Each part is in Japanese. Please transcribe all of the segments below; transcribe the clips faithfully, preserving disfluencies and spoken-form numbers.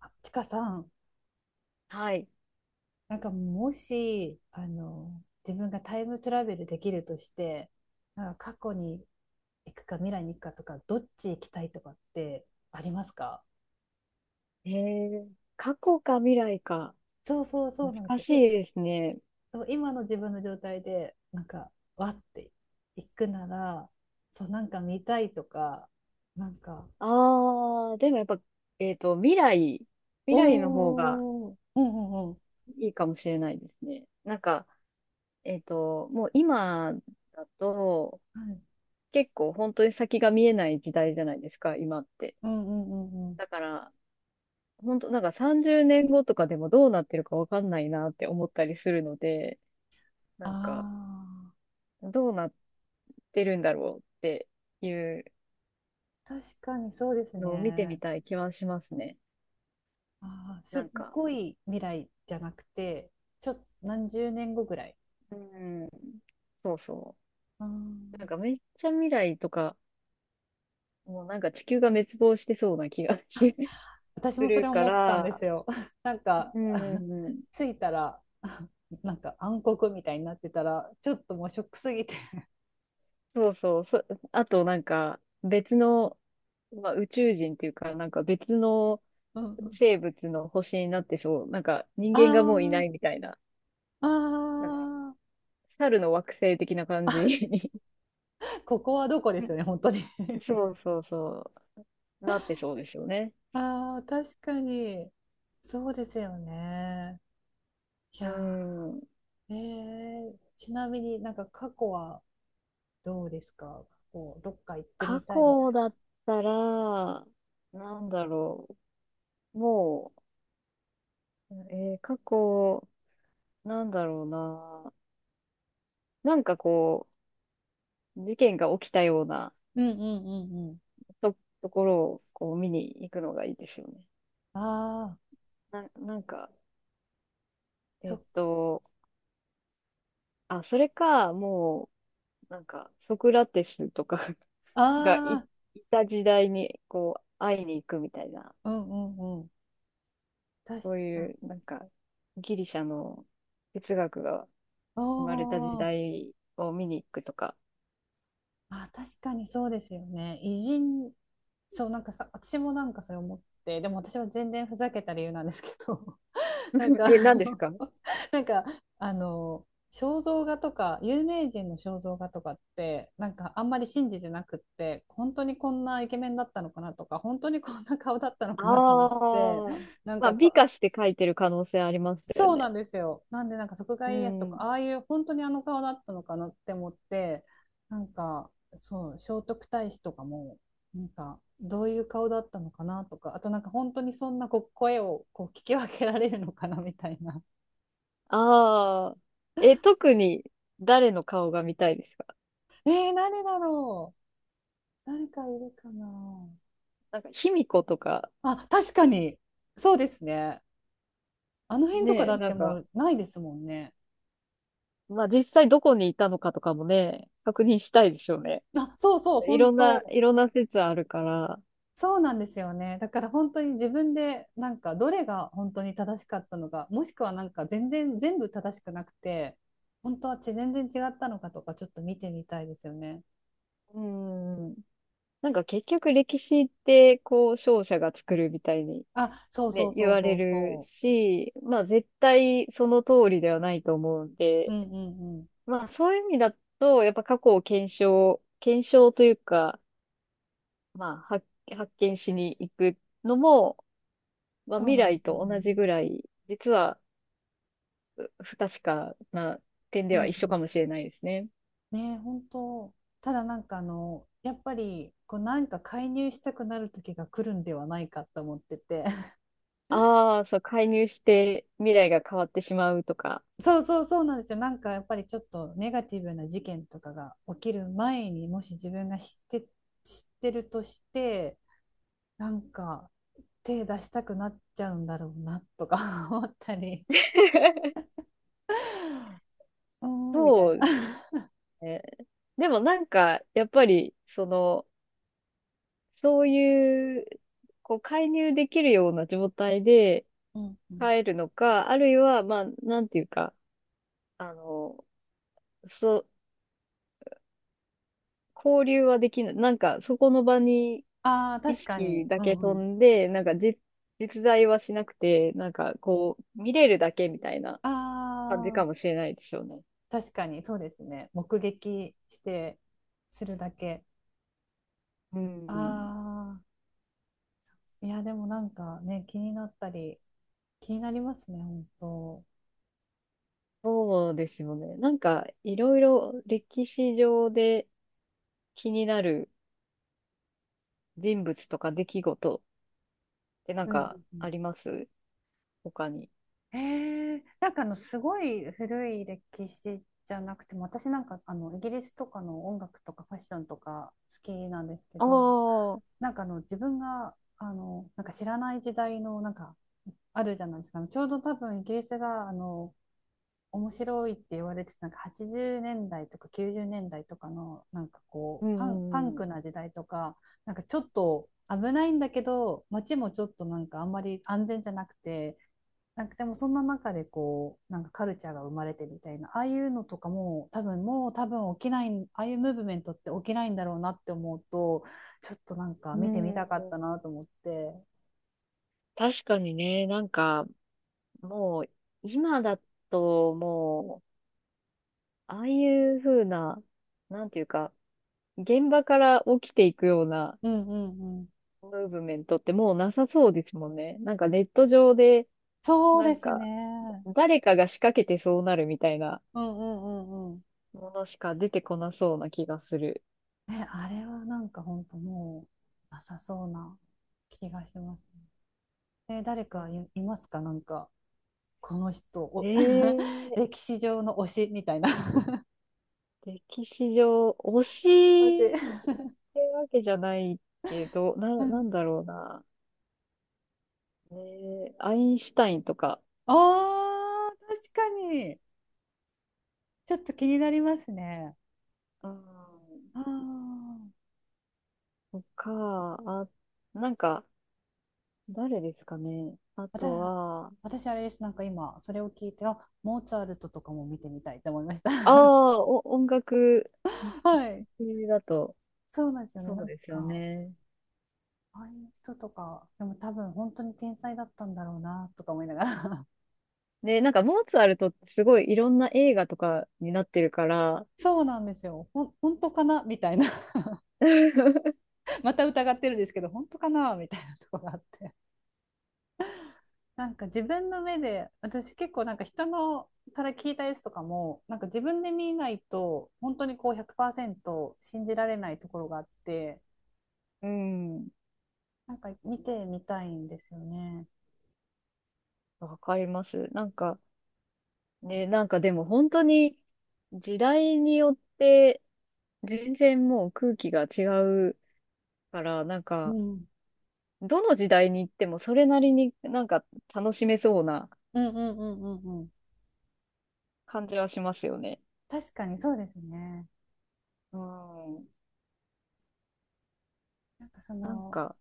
あちかさん、はい。なんかもし、あの、自分がタイムトラベルできるとして、なんか過去に行くか未来に行くかとか、どっち行きたいとかってありますか？えー、過去か未来か。そうそうそう、なんです難よ。しえ、いですね。そう、今の自分の状態で、なんか、わって行くなら、そう、なんか見たいとか、なんか、あー、でもやっぱ、えっと、未来、未来の方がおー、うんうんうん、いいかもしれないですね。なんか、えっと、もう今だと、はい、結構本当に先が見えない時代じゃないですか、今って。うんうんうんうん。だから、本当なんかさんじゅうねんごとかでもどうなってるかわかんないなって思ったりするので、なあんか、どうなってるんだろうっていうあ、確かにそうですのを見てみね。たい気はしますね。ああ、すなっんか、ごい未来じゃなくて、ちょっ、何十年後ぐらい。うん。そうそあうなんー、かめっちゃ未来とか、もうなんか地球が滅亡してそうな気が す私もそるれか思ったんでら、すよ。なんか、う。んう んうん。着いたら、なんか暗黒みたいになってたら、ちょっともうショックすぎて そうそう、そ、あとなんか別の、まあ、宇宙人っていうか、なんか別のうんうん 生物の星になってそう、なんか人 間がもういないあみたいな、あ、なんかああ、猿の惑星的な感じに ここはどこですよね、本当に そうそうそう、なってそうですよね。ああ、確かに。そうですよね。いうやん。ー、えー、ちなみになんか過去はどうですか？過去、どっか行って過みたいみた去い？だったら、なんだろう。もう、えー過去、なんだろうな。なんかこう、事件が起きたようなうんうんうんうん。と、ところをこう見に行くのがいいですよね。ああ、な、なんか、そえっっと、あ、それか、もう、なんか、ソクラテスとか があい、いた時代に、こう、会いに行くみたいな、あー、うんうんうん。確そういか。う、なんか、ギリシャの哲学が、お生まれた時お、代を見に行くとか。あ、確かにそうですよね。偉人、そう、なんかさ、私もなんかそれ思って、でも私は全然ふざけた理由なんですけど、なん か、え、あ何ですの、か。 なんか、あの、肖像画とか、有名人の肖像画とかって、なんかあんまり信じてなくって、本当にこんなイケメンだったのかなとか、本当にこんな顔だったのかなと思って、ああ、なんまあ、か美と、化して書いてる可能性ありますよそうなね。んですよ。なんで、なんか、徳う川家康とか、ん。ああいう本当にあの顔だったのかなって思って、なんか、そう、聖徳太子とかも、なんか、どういう顔だったのかなとか、あとなんか、本当にそんなこう声をこう聞き分けられるのかなみたいな。ああ、え、特に誰の顔が見たいですか。 えー、誰だろう？誰かいるかな？なんか、卑弥呼とか、あ、確かに、そうですね。あの辺とかねえ、だっなてんもか、うないですもんね。まあ、実際どこにいたのかとかもね、確認したいでしょうね。あ、そうそう、い本ろんな、当。いろんな説あるから、そうなんですよね。だから本当に自分でなんかどれが本当に正しかったのか、もしくはなんか全然全部正しくなくて、本当はち全然違ったのかとかちょっと見てみたいですよね。うん。なんか結局歴史って、こう、勝者が作るみたいにあ、そうね、そう言そうわれそうるそし、まあ絶対その通りではないと思うんう。うで、んうんうん。まあそういう意味だと、やっぱ過去を検証、検証というか、まあ発、発見しに行くのも、まあそう未なんで来すよと同じね。ぐらい、実は不確かな点うでんは一緒うかもしん。れないですね。ねえ、本当。ただなんかあの、やっぱりこうなんか介入したくなる時が来るんではないかと思ってて。ああ、そう、介入して未来が変わってしまうとか。そうそうそうなんですよ。なんかやっぱりちょっとネガティブな事件とかが起きる前にもし自分が知って、知ってるとして、なんか手出したくなっちゃうんだろうなとか 思ったり うーんみたいそな。うね。でもなんか、やっぱり、その、そういう、こう、介入できるような状態でうんうん、帰るのか、あるいは、まあ、なんていうか、あの、そう、交流はできない。なんか、そこの場にああ意確かに。識だうけ飛んうん、んで、なんか実、実在はしなくて、なんか、こう、見れるだけみたいな感じあかもあしれないですよね。確かにそうですね。目撃してするだけ。うん。ああ、いやでもなんかね気になったり気になりますね本当。そうですよね。なんか、いろいろ歴史上で気になる人物とか出来事ってなんうんうんかうん。あります他に。えー、なんかあのすごい古い歴史じゃなくても、私なんかあのイギリスとかの音楽とかファッションとか好きなんですけあど、あ、うなんかあの自分があのなんか知らない時代のなんかあるじゃないですか、あのちょうど多分イギリスがあの面白いって言われてたなんかはちじゅうねんだいとかきゅうじゅうねんだいとかのなんかこんううパン、パンんうクん。な時代とか、なんかちょっと危ないんだけど街もちょっとなんかあんまり安全じゃなくて。なんかでもそんな中でこうなんかカルチャーが生まれてみたいな、ああいうのとかも多分もう多分起きない、ああいうムーブメントって起きないんだろうなって思うと、ちょっとなんかう見てみたかったん。なと思って。確かにね、なんか、もう、今だと、もう、ああいう風な、なんていうか、現場から起きていくようなうんうんうん。ムーブメントってもうなさそうですもんね。なんかネット上で、そうなでんすか、ね、誰かが仕掛けてそうなるみたいなうんうんうんうん。ものしか出てこなそうな気がする。ね、あれはなんか本当もうなさそうな気がしますね。え、誰うかん。い、いますか、なんかこの人お ええ、歴史上の推しみたいな。歴史上、推マジ。しってわけじゃないけど、な、なんだろうな。ね、アインシュタインとか、ああ、確かに。ちょっと気になりますね。うん、ああ、とか、あ、なんか、誰ですかね。あ私、とは、私あれです。なんか今、それを聞いて、あ、モーツァルトとかも見てみたいと思いました。ああ、お、音楽 はい。系だと、そうなんですよね。そなうんですよか、ね。ああいう人とか、でも多分本当に天才だったんだろうな、とか思いながら。で、なんか、モーツァルトってすごいいろんな映画とかになってるから、そうなんですよ。ほん、本当かなみたいな。また疑ってるんですけど、本当かなみたいなとこがあって。なんか自分の目で、私結構なんか人のから聞いたやつとかも、なんか自分で見ないと、本当にこうひゃくパーセント信じられないところがあって、うん、なんか見てみたいんですよね。わかります。なんか、ね、なんかでも本当に時代によって全然もう空気が違うから、なんうかん。どの時代に行ってもそれなりになんか楽しめそうなうんうんうんうんうん。感じはしますよね。確かにそうですね。うん。なんかそなんの、か、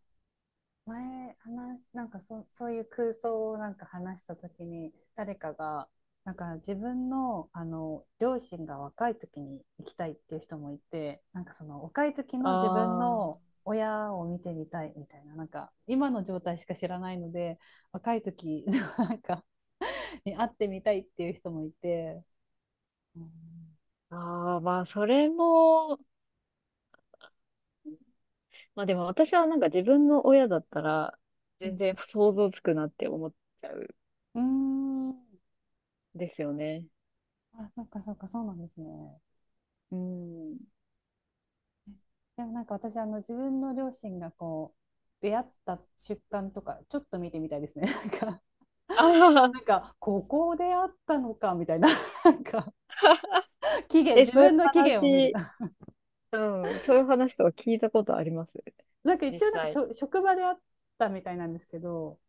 前話、なんかそ、そういう空想をなんか話したときに、誰かが、なんか自分の、あの、両親が若い時に行きたいっていう人もいて、なんかその若い時のあ自分の親を見てみたいみたいな、なんか今の状態しか知らないので、若い時なんかに会ってみたいっていう人もいて、うん、あ、ああ、まあそれも、まあでも私はなんか自分の親だったら全然う想像つくなって思っちゃうん、ん、んですよね。あ、そっかそっか、そうなんですね。うん。でもなんか私、あの、自分の両親がこう、出会った瞬間とか、ちょっと見てみたいですね。なんか、ああ、なんか、ここで会ったのか、みたいな。なんか、期限、え、自そういう分の期限を見る。話、 うん、そういう話とか聞いたことありますなんか実一応、なんかし際。ょ、職場で会ったみたいなんですけど、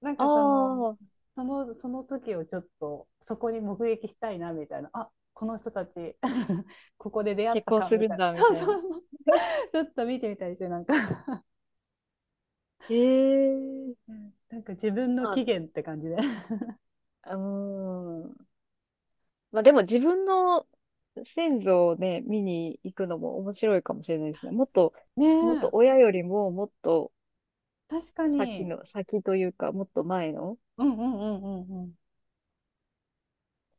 なんあかその、あ、その、その時をちょっと、そこに目撃したいな、みたいな。あ、この人たち ここで出会っ結た婚か、すみるたんいな。だ、みそうたいそな。うそう ちょっと見てみたいですね、なんか ええ。なんか自分のま期限って感じで。あ、うーん。まあでも自分の先祖をね、見に行くのも面白いかもしれないですね。もっと、ねもっとえ、親よりももっと確か先に。の、先というか、もっと前のうんうんうんうんうん。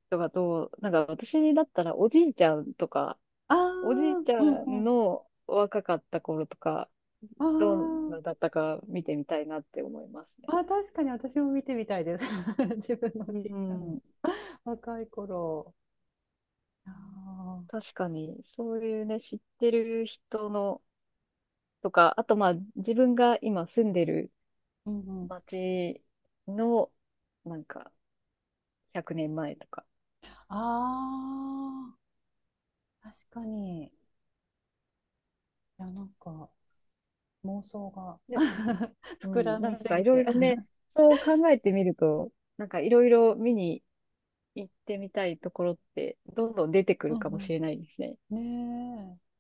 人がどう、なんか私だったらおじいちゃんとか、ああ、おじいちうんゃうんん。の若かった頃とか、どんあ、なだったか見てみたいなって思いますね。ああー、確かに私も見てみたいです。自分のおうじいちゃんのん、若い頃。ああ、確かに、そういうね、知ってる人のとか、あとまあ、自分が今住んでるうんうん。町の、なんか、ひゃくねんまえとか。ああ、確かに。いや、なんか妄想が で、う膨らん、なみんすかいぎろいて。ろね、そう考えてみると、なんかいろいろ見に行ってみたいところって、どんどん出てくうるかもしんれないですね。うん。ねえ。